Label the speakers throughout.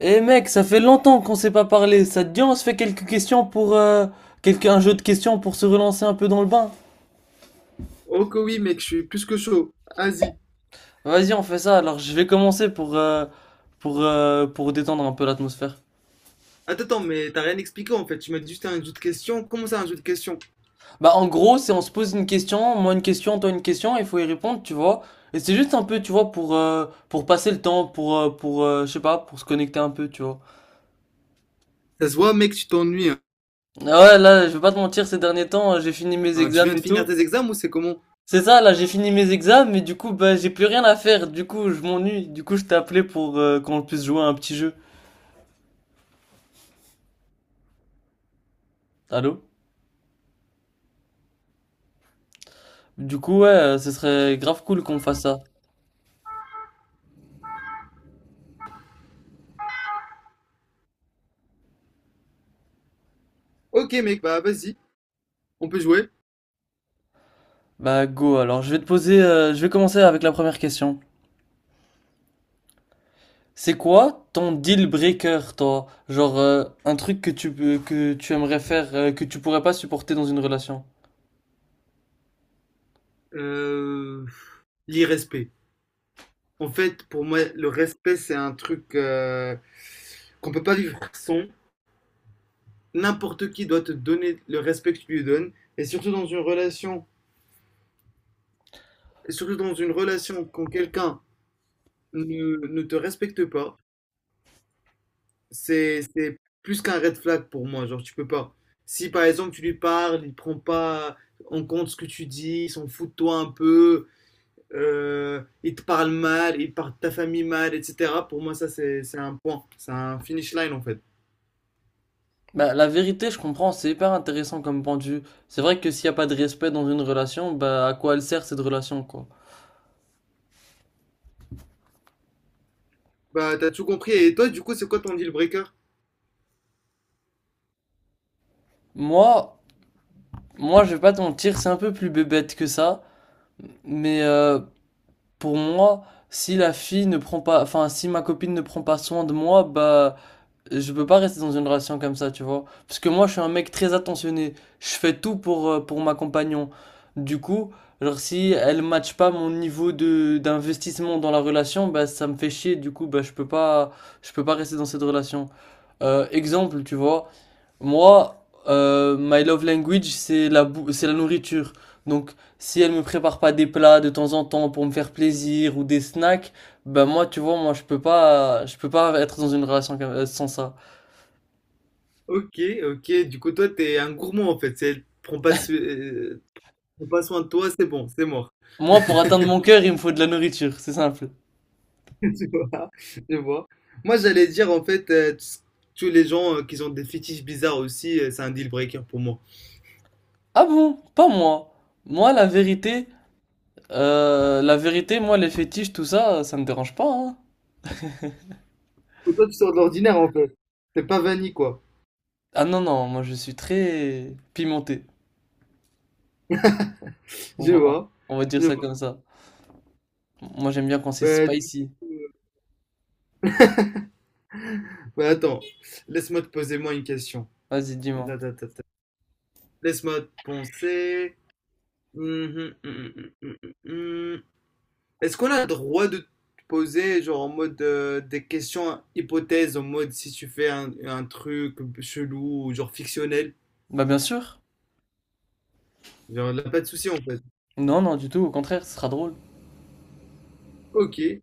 Speaker 1: Eh mec, ça fait longtemps qu'on s'est pas parlé. Ça te dit, on se fait quelques questions pour un jeu de questions pour se relancer un peu dans le bain.
Speaker 2: Oh que oui mec, je suis plus que chaud. Vas-y.
Speaker 1: Vas-y, on fait ça. Alors, je vais commencer pour pour détendre un peu l'atmosphère.
Speaker 2: Attends, attends, mais t'as rien expliqué en fait. Tu m'as dit juste un jeu de questions. Comment ça un jeu de questions?
Speaker 1: Bah, en gros, c'est on se pose une question, moi une question, toi une question, il faut y répondre, tu vois. Et c'est juste un peu, tu vois, pour pour passer le temps, pour, je sais pas, pour se connecter un peu, tu vois.
Speaker 2: Ça se voit mec, tu t'ennuies, hein.
Speaker 1: Ah ouais, là, je vais pas te mentir, ces derniers temps, j'ai fini mes
Speaker 2: Hein, tu viens
Speaker 1: examens
Speaker 2: de
Speaker 1: et
Speaker 2: finir
Speaker 1: tout.
Speaker 2: tes examens ou c'est comment?
Speaker 1: C'est ça, là, j'ai fini mes examens, mais du coup, bah, j'ai plus rien à faire. Du coup, je m'ennuie. Du coup, je t'ai appelé pour qu'on puisse jouer à un petit jeu. Allô? Du coup, ouais, ce serait grave cool qu'on fasse ça.
Speaker 2: Ok mec, bah vas-y, on peut jouer.
Speaker 1: Bah, go, alors, je vais te poser, je vais commencer avec la première question. C'est quoi ton deal breaker, toi? Genre, un truc que que tu aimerais faire, que tu pourrais pas supporter dans une relation?
Speaker 2: Euh... L'irrespect. En fait, pour moi, le respect c'est un truc qu'on peut pas vivre sans. N'importe qui doit te donner le respect que tu lui donnes. Et surtout dans une relation, et surtout dans une relation quand quelqu'un ne te respecte pas. C'est plus qu'un red flag pour moi, genre tu peux pas. Si par exemple tu lui parles, il prend pas en compte ce que tu dis, il s'en fout de toi un peu, il te parle mal, il parle de ta famille mal, etc. Pour moi ça c'est un point, c'est un finish line en fait.
Speaker 1: Bah, la vérité, je comprends, c'est hyper intéressant comme pendu. C'est vrai que s'il y a pas de respect dans une relation, bah, à quoi elle sert cette relation, quoi?
Speaker 2: Bah t'as tout compris. Et toi du coup c'est quoi ton deal breaker?
Speaker 1: Moi, moi, je vais pas te mentir, c'est un peu plus bébête que ça, mais pour moi, si la fille ne prend pas, enfin, si ma copine ne prend pas soin de moi, bah, je peux pas rester dans une relation comme ça, tu vois. Parce que moi, je suis un mec très attentionné. Je fais tout pour pour ma compagnon. Du coup, alors si elle matche pas mon niveau d'investissement dans la relation, bah, ça me fait chier. Du coup, bah, je peux pas rester dans cette relation. Exemple, tu vois. Moi, my love language, c'est c'est la nourriture. Donc, si elle me prépare pas des plats de temps en temps pour me faire plaisir ou des snacks, ben moi, tu vois, moi, je peux pas être dans une relation sans ça.
Speaker 2: Ok, ok, du coup toi t'es un gourmand en fait, c'est prends pas, so- prends pas soin de toi, c'est bon, c'est mort.
Speaker 1: Moi, pour atteindre mon cœur, il me faut de la nourriture, c'est simple.
Speaker 2: Tu vois, je vois. Moi, j'allais dire, en fait, tous les gens qui ont des fétiches bizarres aussi, c'est un deal breaker pour moi.
Speaker 1: Ah bon? Pas moi. Moi, la vérité, moi, les fétiches, tout ça, ça me dérange pas, hein.
Speaker 2: Que toi, tu sors de l'ordinaire, en fait. T'es pas vanille, quoi.
Speaker 1: Ah non, non, moi, je suis très pimenté. On
Speaker 2: Je
Speaker 1: va,
Speaker 2: vois.
Speaker 1: on va dire
Speaker 2: Je
Speaker 1: ça
Speaker 2: vois.
Speaker 1: comme ça. Moi, j'aime bien quand c'est
Speaker 2: Bah, du
Speaker 1: spicy.
Speaker 2: coup, bah, attends, laisse-moi te poser moi une question.
Speaker 1: Vas-y, dis-moi.
Speaker 2: Da, da, da, da. Laisse-moi te penser. Mhm, mhm, mhm, mhm, mhm. Est-ce qu'on a le droit de te poser, genre, en mode des questions hypothèses, en mode si tu fais un truc chelou ou genre fictionnel?
Speaker 1: Bah bien sûr.
Speaker 2: Genre, là, pas de souci en fait.
Speaker 1: Non, non, du tout, au contraire, ce sera drôle.
Speaker 2: Ok.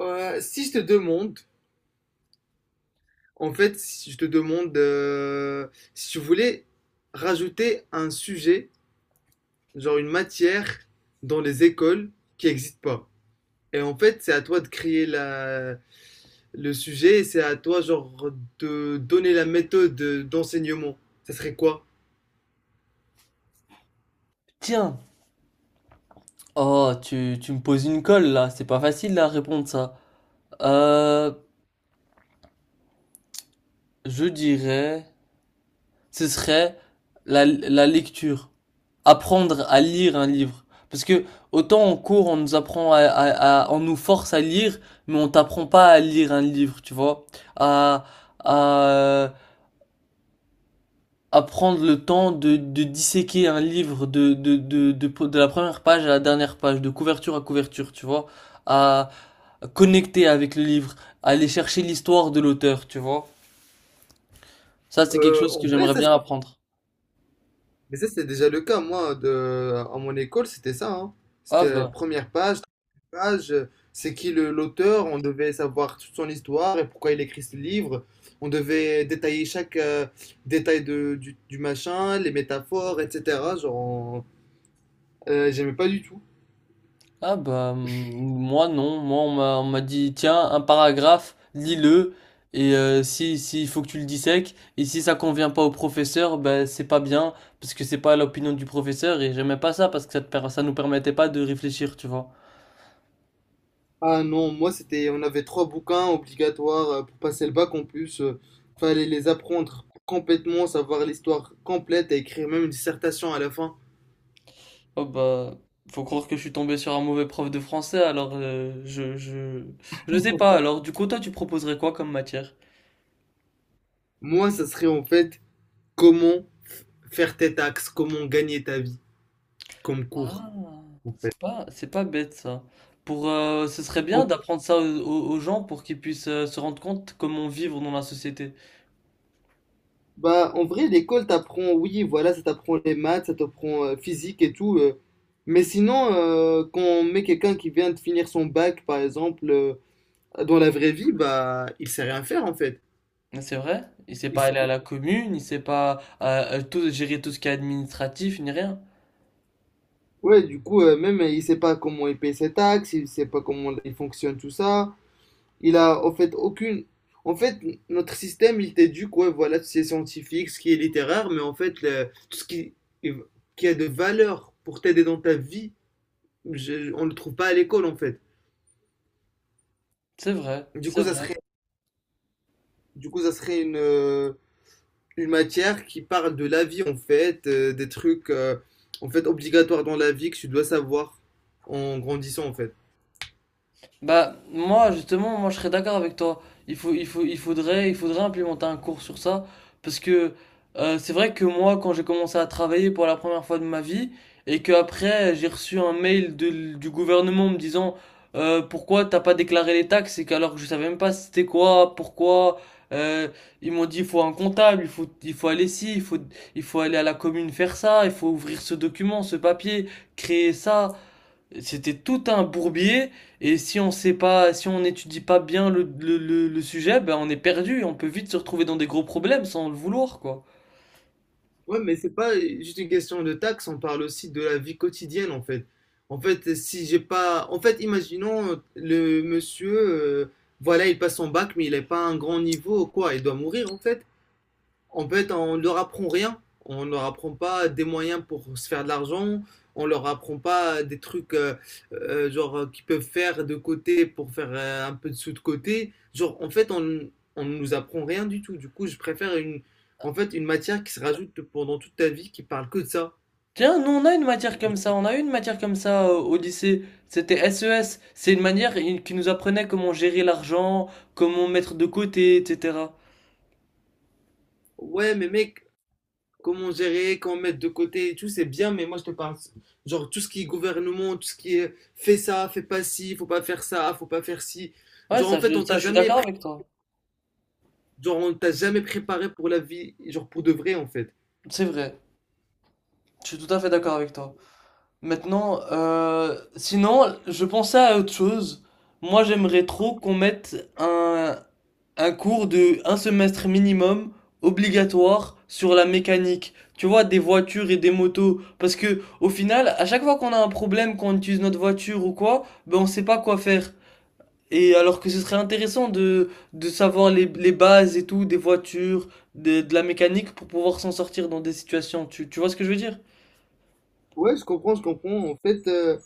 Speaker 2: Si je te demande, en fait, Si je te demande si tu voulais rajouter un sujet, genre une matière dans les écoles qui n'existe pas. Et en fait, c'est à toi de créer le sujet et c'est à toi, genre, de donner la méthode d'enseignement. Ça serait quoi?
Speaker 1: Tiens, oh, tu me poses une colle là, c'est pas facile à répondre ça. Euh, je dirais, ce serait la lecture. Apprendre à lire un livre. Parce que autant en cours, on nous apprend à on nous force à lire, mais on t'apprend pas à lire un livre, tu vois. À, à, à prendre le temps de disséquer un livre de la première page à la dernière page, de couverture à couverture, tu vois, à connecter avec le livre, à aller chercher l'histoire de l'auteur, tu vois. Ça, c'est quelque
Speaker 2: Euh,
Speaker 1: chose
Speaker 2: en
Speaker 1: que
Speaker 2: vrai,
Speaker 1: j'aimerais
Speaker 2: ça,
Speaker 1: bien apprendre.
Speaker 2: Mais ça, c'était déjà le cas. À mon école, c'était ça, hein. C'était
Speaker 1: Ah bah,
Speaker 2: première page, deuxième page, l'auteur, on devait savoir toute son histoire et pourquoi il écrit ce livre. On devait détailler chaque détail du machin, les métaphores, etc. J'aimais pas du tout.
Speaker 1: ah bah, moi non, moi on m'a dit, tiens, un paragraphe, lis-le, et si, il faut que tu le dissèques, et si ça convient pas au professeur, ben c'est pas bien, parce que c'est pas l'opinion du professeur, et j'aimais pas ça, parce que ça, ça nous permettait pas de réfléchir, tu vois.
Speaker 2: Ah non, on avait trois bouquins obligatoires pour passer le bac en plus. Fallait les apprendre complètement, savoir l'histoire complète et écrire même une dissertation à la fin.
Speaker 1: Oh bah, faut croire que je suis tombé sur un mauvais prof de français, alors je sais pas. Alors du coup, toi, tu proposerais quoi comme matière?
Speaker 2: Moi, ça serait en fait comment faire tes taxes, comment gagner ta vie comme cours,
Speaker 1: Ah,
Speaker 2: en fait.
Speaker 1: c'est pas bête ça. Ce serait bien
Speaker 2: En-
Speaker 1: d'apprendre ça aux aux gens pour qu'ils puissent se rendre compte comment vivre dans la société.
Speaker 2: Bah, en vrai, l'école t'apprend, oui, voilà, ça t'apprend les maths, ça t'apprend physique et tout. Mais sinon, quand on met quelqu'un qui vient de finir son bac, par exemple, dans la vraie vie, bah, il sait rien faire en fait.
Speaker 1: Mais c'est vrai? Il sait
Speaker 2: Il
Speaker 1: pas aller à
Speaker 2: sait-
Speaker 1: la commune, il sait pas tout, gérer tout ce qui est administratif, ni rien.
Speaker 2: ouais, du coup, même il sait pas comment il paye ses taxes, il sait pas comment il fonctionne tout ça. Il a en fait aucune. En fait, notre système, il t'éduque, ouais, voilà, tout ce qui est scientifique, ce qui est littéraire, mais en fait, tout ce qui a de valeur pour t'aider dans ta vie, on ne le trouve pas à l'école, en fait.
Speaker 1: C'est vrai,
Speaker 2: Du
Speaker 1: c'est
Speaker 2: coup, ça
Speaker 1: vrai.
Speaker 2: serait, du coup, ça serait une matière qui parle de la vie, en fait, des trucs obligatoires dans la vie que tu dois savoir en grandissant, en fait.
Speaker 1: Bah, moi, justement, moi, je serais d'accord avec toi. Il faudrait implémenter un cours sur ça. Parce que c'est vrai que moi, quand j'ai commencé à travailler pour la première fois de ma vie, et que après j'ai reçu un mail du gouvernement me disant pourquoi t'as pas déclaré les taxes, et qu'alors que je savais même pas c'était quoi, pourquoi. euh, Ils m'ont dit il faut un comptable, il faut aller ici, il faut aller à la commune faire ça, il faut ouvrir ce document, ce papier, créer ça. C'était tout un bourbier et si on sait pas, si on n'étudie pas bien le sujet, ben on est perdu, on peut vite se retrouver dans des gros problèmes sans le vouloir, quoi.
Speaker 2: Ouais, mais c'est pas juste une question de taxes. On parle aussi de la vie quotidienne en fait. En fait, si j'ai pas. En fait, imaginons le monsieur, voilà, il passe son bac, mais il n'est pas à un grand niveau, ou quoi, il doit mourir en fait. En fait, on ne leur apprend rien. On ne leur apprend pas des moyens pour se faire de l'argent. On ne leur apprend pas des trucs qu'ils peuvent faire de côté pour faire un peu de sous de côté. On ne nous apprend rien du tout. Du coup, je préfère une matière qui se rajoute pendant toute ta vie qui parle que de ça.
Speaker 1: Tiens, nous on a une matière comme ça, on a eu une matière comme ça au lycée. C'était SES, c'est une manière qui nous apprenait comment gérer l'argent, comment mettre de côté, etc.
Speaker 2: Ouais, mais mec, comment gérer, comment mettre de côté et tout, c'est bien, mais moi je te parle, genre tout ce qui est gouvernement, tout ce qui est fais ça, fais pas ci, faut pas faire ça, faut pas faire ci.
Speaker 1: Ouais,
Speaker 2: Genre en fait, on
Speaker 1: ça
Speaker 2: t'a
Speaker 1: je suis
Speaker 2: jamais
Speaker 1: d'accord avec toi.
Speaker 2: Genre, on t'a jamais préparé pour la vie, genre pour de vrai en fait.
Speaker 1: C'est vrai, je suis tout à fait d'accord avec toi. Maintenant, sinon, je pensais à autre chose. Moi, j'aimerais trop qu'on mette un cours de un semestre minimum obligatoire sur la mécanique. Tu vois, des voitures et des motos. Parce que, au final, à chaque fois qu'on a un problème, qu'on utilise notre voiture ou quoi, ben, on sait pas quoi faire. Et alors que ce serait intéressant de savoir les bases et tout, des voitures, de la mécanique pour pouvoir s'en sortir dans des situations. Tu vois ce que je veux dire?
Speaker 2: Ouais, je comprends, je comprends. En fait,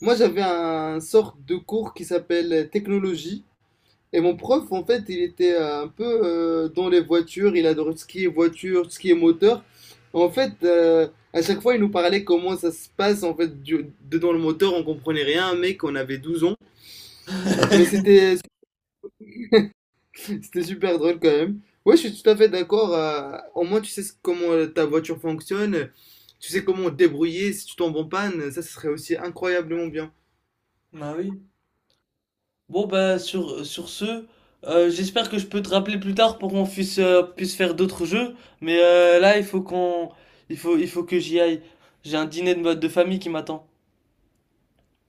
Speaker 2: moi j'avais un sorte de cours qui s'appelle technologie. Et mon prof, en fait, il était un peu dans les voitures. Il adorait tout ce qui est voiture, tout ce qui est moteur. En fait, euh, à chaque fois, il nous parlait comment ça se passe en fait dedans le moteur. On comprenait rien, mec, on avait 12 ans. Mais c'était C'était super drôle quand même. Ouais, je suis tout à fait d'accord. Au moins, tu sais comment ta voiture fonctionne. Tu sais comment te débrouiller si tu tombes en panne. Ça, ce serait aussi incroyablement bien.
Speaker 1: Bah oui. Bon bah sur ce, j'espère que je peux te rappeler plus tard pour qu'on puisse, puisse faire d'autres jeux, mais là il faut que j'y aille. J'ai un dîner de famille qui m'attend.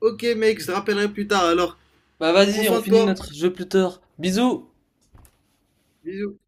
Speaker 2: Ok, mec, je te rappellerai plus tard. Alors,
Speaker 1: Bah
Speaker 2: prends
Speaker 1: vas-y, on
Speaker 2: soin de
Speaker 1: finit
Speaker 2: toi.
Speaker 1: notre jeu plus tard. Bisous!
Speaker 2: Bisous.